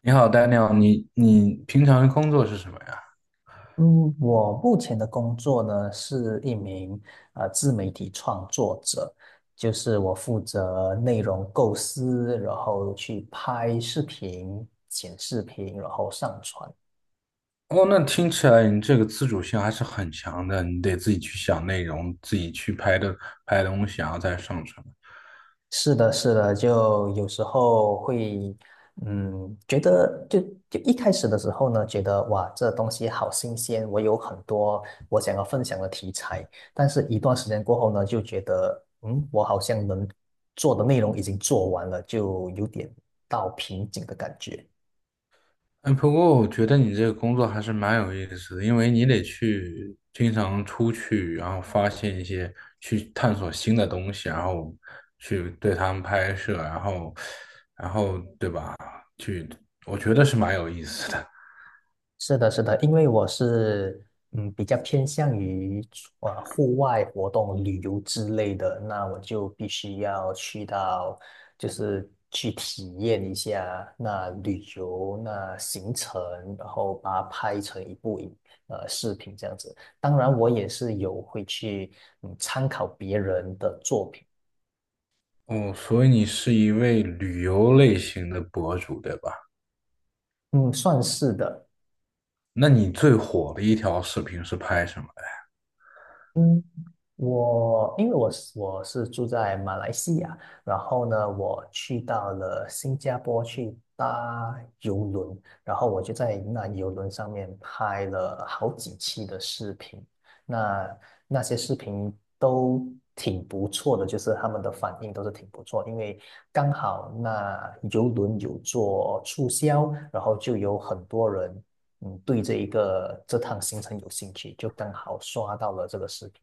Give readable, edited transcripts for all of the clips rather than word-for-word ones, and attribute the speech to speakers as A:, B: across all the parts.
A: 你好 Dani 你平常的工作是什么呀？
B: 嗯，我目前的工作呢是一名自媒体创作者，就是我负责内容构思，然后去拍视频、剪视频，然后上传。
A: 哦，那听起来你这个自主性还是很强的，你得自己去想内容，自己去拍东西，然后再上传。
B: 是的，是的，就有时候会，觉得就一开始的时候呢，觉得哇，这东西好新鲜，我有很多我想要分享的题材，但是一段时间过后呢，就觉得，我好像能做的内容已经做完了，就有点到瓶颈的感觉。
A: 哎，不过我觉得你这个工作还是蛮有意思的，因为你得去经常出去，然后发现一些，去探索新的东西，然后去对他们拍摄，然后对吧？去，我觉得是蛮有意思的。
B: 是的，是的，因为我是比较偏向于户外活动、旅游之类的，那我就必须要去到，就是去体验一下那旅游那行程，然后把它拍成一部视频这样子。当然，我也是有会去参考别人的作品，
A: 哦，所以你是一位旅游类型的博主，对吧？
B: 嗯，算是的。
A: 那你最火的一条视频是拍什么？
B: 嗯。我因为我是住在马来西亚，然后呢，我去到了新加坡去搭邮轮，然后我就在那邮轮上面拍了好几期的视频，那那些视频都挺不错的，就是他们的反应都是挺不错，因为刚好那邮轮有做促销，然后就有很多人对这一个这趟行程有兴趣，就刚好刷到了这个视频。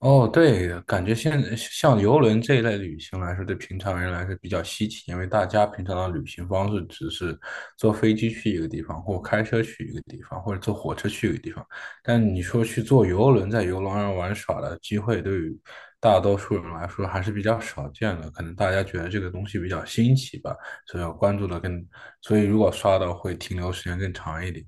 A: 哦，对，感觉现在像游轮这一类旅行来说，对平常人来说比较稀奇，因为大家平常的旅行方式只是坐飞机去一个地方，或开车去一个地方，或者坐火车去一个地方。但你说去坐游轮，在游轮上玩耍的机会，对于大多数人来说还是比较少见的。可能大家觉得这个东西比较新奇吧，所以要关注的更，所以如果刷到会停留时间更长一点。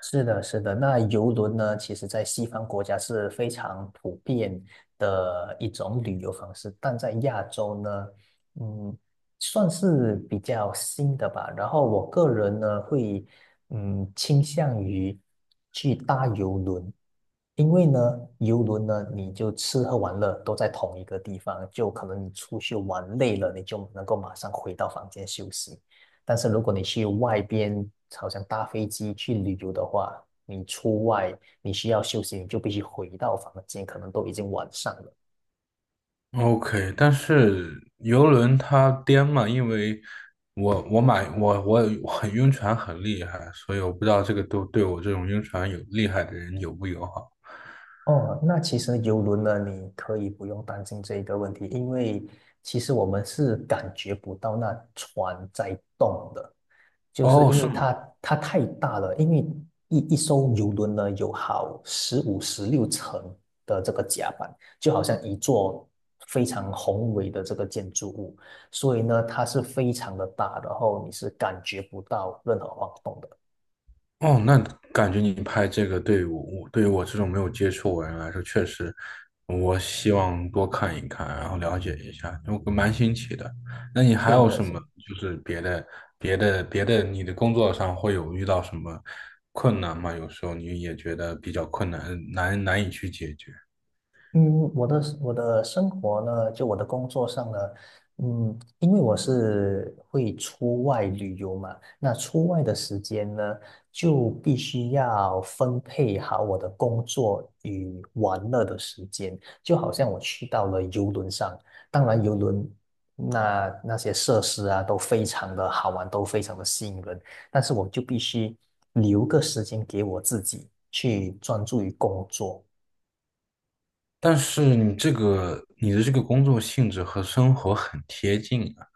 B: 是的，是的。那游轮呢，其实在西方国家是非常普遍的一种旅游方式，但在亚洲呢，嗯，算是比较新的吧。然后我个人呢，会倾向于去搭游轮，因为呢，游轮呢，你就吃喝玩乐都在同一个地方，就可能你出去玩累了，你就能够马上回到房间休息。但是如果你去外边，好像搭飞机去旅游的话，你出外你需要休息，你就必须回到房间，可能都已经晚上了。
A: OK，但是游轮它颠嘛，因为我我买我我很晕船很厉害，所以我不知道这个对我这种晕船有厉害的人友不友好。
B: 哦，那其实游轮呢，你可以不用担心这一个问题，因为其实我们是感觉不到那船在动的，就是
A: 哦，
B: 因
A: 是
B: 为
A: 吗？
B: 它太大了，因为一艘游轮呢有好15、16层的这个甲板，就好像一座非常宏伟的这个建筑物，所以呢它是非常的大，然后你是感觉不到任何晃动的，
A: 哦，那感觉你拍这个对于我，对于我这种没有接触过的人来说，确实，我希望多看一看，然后了解一下，我蛮新奇的。那你还
B: 是
A: 有
B: 的，
A: 什
B: 是。
A: 么，就是别的，你的工作上会有遇到什么困难吗？有时候你也觉得比较困难，难以去解决。
B: 嗯，我的生活呢，就我的工作上呢，因为我是会出外旅游嘛，那出外的时间呢，就必须要分配好我的工作与玩乐的时间。就好像我去到了游轮上，当然游轮那些设施啊，都非常的好玩，都非常的吸引人，但是我就必须留个时间给我自己去专注于工作。
A: 但是你这个，你的这个工作性质和生活很贴近啊。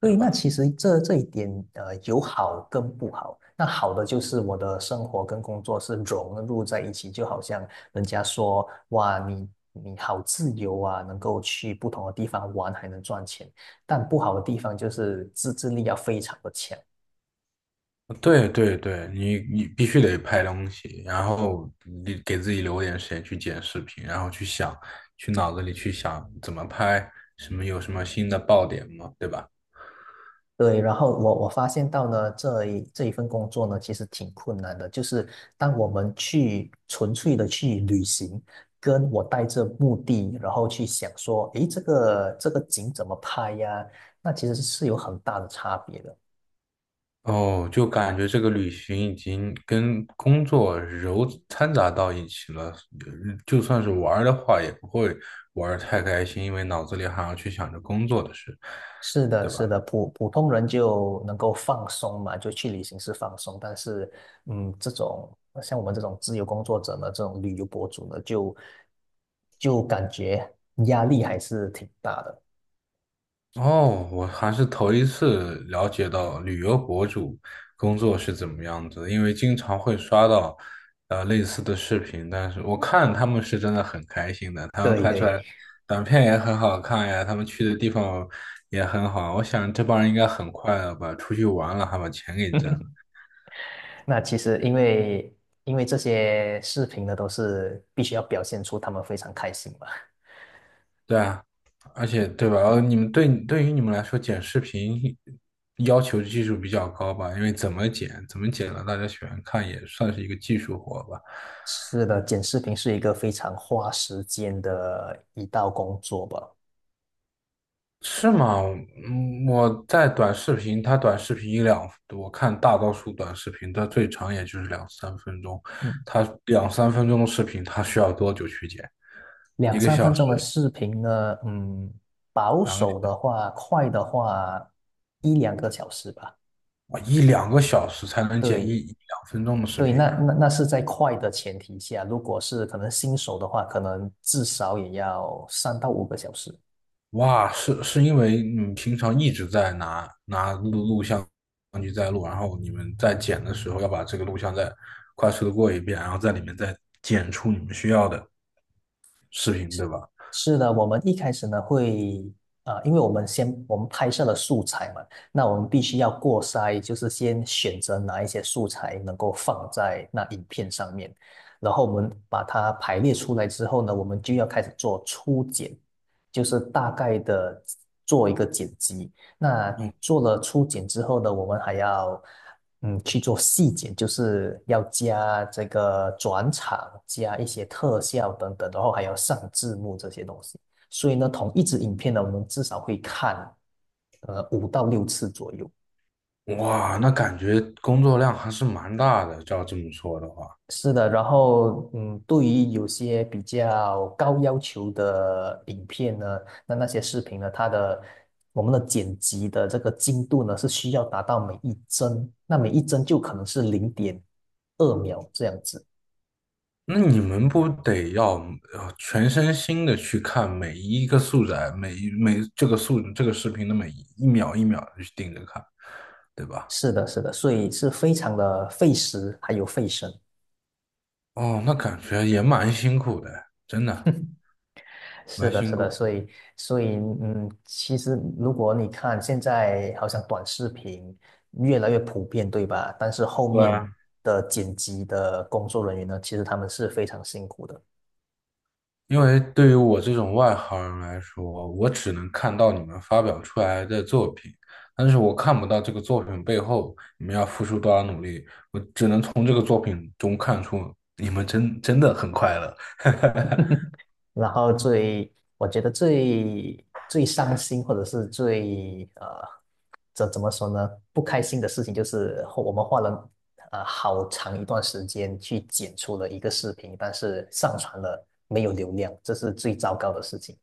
B: 对，那其实这一点，有好跟不好。那好的就是我的生活跟工作是融入在一起，就好像人家说，哇，你好自由啊，能够去不同的地方玩，还能赚钱。但不好的地方就是自制力要非常的强，
A: 对对对，你必须得拍东西，然后你给自己留点时间去剪视频，然后去想，去脑子里去想怎么拍，有什么新的爆点嘛，对吧？
B: 对，然后我发现到呢，这一份工作呢，其实挺困难的。就是当我们去纯粹的去旅行，跟我带着目的，然后去想说，诶，这个景怎么拍呀？那其实是有很大的差别的。
A: 哦，就感觉这个旅行已经跟工作揉掺杂到一起了，就算是玩儿的话，也不会玩儿太开心，因为脑子里还要去想着工作的事。
B: 是的，
A: 对吧？
B: 是的，普通人就能够放松嘛，就去旅行是放松，但是，这种像我们这种自由工作者呢，这种旅游博主呢，就感觉压力还是挺大的。
A: 哦，我还是头一次了解到旅游博主工作是怎么样子的，因为经常会刷到类似的视频，但是我看他们是真的很开心的，他们
B: 对
A: 拍
B: 对
A: 出来
B: 对，
A: 短片也很好看呀，他们去的地方也很好，我想这帮人应该很快乐吧，出去玩了还把钱给挣了。
B: 那其实因为这些视频呢，都是必须要表现出他们非常开心嘛。
A: 对啊，而且对吧？你们对对于你们来说剪视频要求技术比较高吧，因为怎么剪怎么剪了，大家喜欢看也算是一个技术活吧。
B: 是的，剪视频是一个非常花时间的一道工作吧。
A: 是吗？嗯，我在短视频，它短视频一两，我看大多数短视频，它最长也就是两三分钟。
B: 嗯，
A: 它两三分钟的视频，它需要多久去剪？
B: 两
A: 一个
B: 三
A: 小
B: 分
A: 时，
B: 钟的视频呢，保
A: 两个，
B: 守的话，快的话一两个小时吧。
A: 哇，一两个小时才能剪一
B: 对
A: 一两分钟的视
B: 对，
A: 频
B: 那
A: 啊！
B: 是在快的前提下，如果是可能新手的话，可能至少也要3到5个小时。
A: 哇，是因为你们平常一直在拿录像机在录，然后你们在剪的时候要把这个录像再快速的过一遍，然后在里面再剪出你们需要的视频，对吧？
B: 是的，我们一开始呢会，啊，因为我们拍摄了素材嘛，那我们必须要过筛，就是先选择哪一些素材能够放在那影片上面，然后我们把它排列出来之后呢，我们就要开始做初剪，就是大概的做一个剪辑，那
A: 嗯。
B: 做了初剪之后呢，我们还要去做细剪，就是要加这个转场，加一些特效等等，然后还要上字幕这些东西。所以呢，同一支影片呢，我们至少会看5到6次左右。
A: 哇，那感觉工作量还是蛮大的，照这么说的话，
B: 是的，然后对于有些比较高要求的影片呢，那些视频呢，我们的剪辑的这个精度呢，是需要达到每一帧，那每一帧就可能是0.2秒这样子。
A: 那你们不得要全身心的去看每一个素材，每一每这个素这个视频的每一秒一秒的去盯着看，对吧？
B: 是的，是的，所以是非常的费时还有费神。
A: 哦，那感觉也蛮辛苦的，真的
B: 是
A: 蛮
B: 的，
A: 辛
B: 是的，
A: 苦的。
B: 所以，其实如果你看现在好像短视频越来越普遍，对吧？但是后
A: 对，
B: 面的剪辑的工作人员呢，其实他们是非常辛苦的。
A: 因为对于我这种外行人来说，我只能看到你们发表出来的作品，但是我看不到这个作品背后你们要付出多少努力，我只能从这个作品中看出你们真真的很快乐。
B: 然后我觉得最伤心或者是最怎么说呢？不开心的事情就是后我们花了好长一段时间去剪出了一个视频，但是上传了没有流量，这是最糟糕的事情。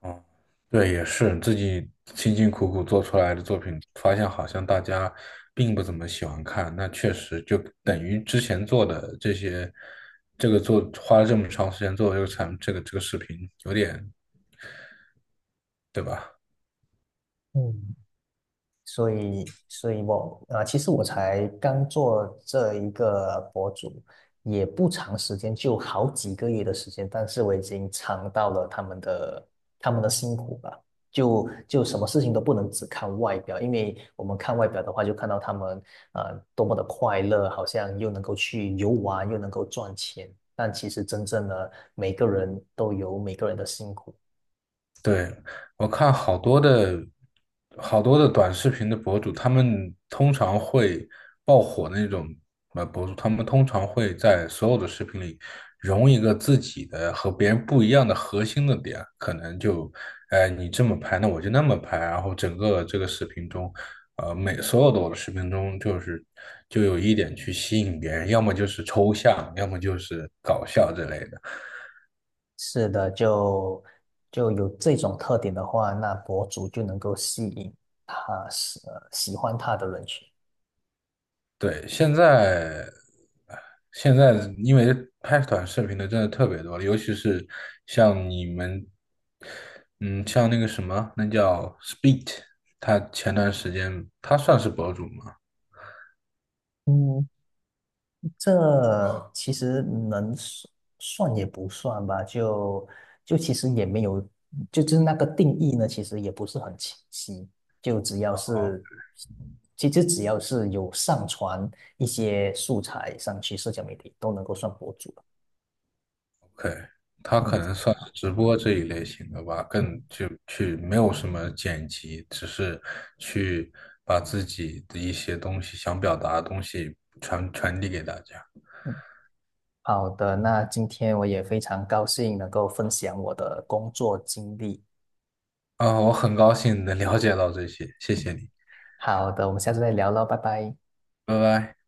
A: 嗯，对，也是自己辛辛苦苦做出来的作品，发现好像大家并不怎么喜欢看，那确实就等于之前做的这些，这个做花了这么长时间做这个产这个这个视频，有点，对吧？
B: 嗯，所以，我啊、其实我才刚做这一个博主，也不长时间，就好几个月的时间，但是我已经尝到了他们的辛苦吧。就什么事情都不能只看外表，因为我们看外表的话，就看到他们多么的快乐，好像又能够去游玩，又能够赚钱，但其实真正的每个人都有每个人的辛苦。
A: 对，我看好多的好多的短视频的博主，他们通常会爆火的那种博主，他们通常会在所有的视频里融一个自己的和别人不一样的核心的点，可能就，哎，你这么拍，那我就那么拍，然后整个这个视频中，呃，每所有的我的视频中，就是就有一点去吸引别人，要么就是抽象，要么就是搞笑之类的。
B: 是的，就有这种特点的话，那博主就能够吸引他喜欢他的人群。
A: 对，现在因为拍短视频的真的特别多了，尤其是像你们，嗯，像那个什么，那叫 Speed，他前段时间他算是博主吗
B: 嗯，这其实能算也不算吧，就其实也没有，就是那个定义呢，其实也不是很清晰。就只要是，其实只要是有上传一些素材上去社交媒体，都能够算博主了。
A: ？OK，哦，OK，他
B: 嗯
A: 可能算是直播这一类型的吧，更
B: 嗯。
A: 就去没有什么剪辑，只是去把自己的一些东西想表达的东西传递给大家。
B: 嗯好的，那今天我也非常高兴能够分享我的工作经历。
A: 啊，我很高兴能了解到这些，谢谢你，
B: 好的，我们下次再聊喽，拜拜。
A: 拜拜。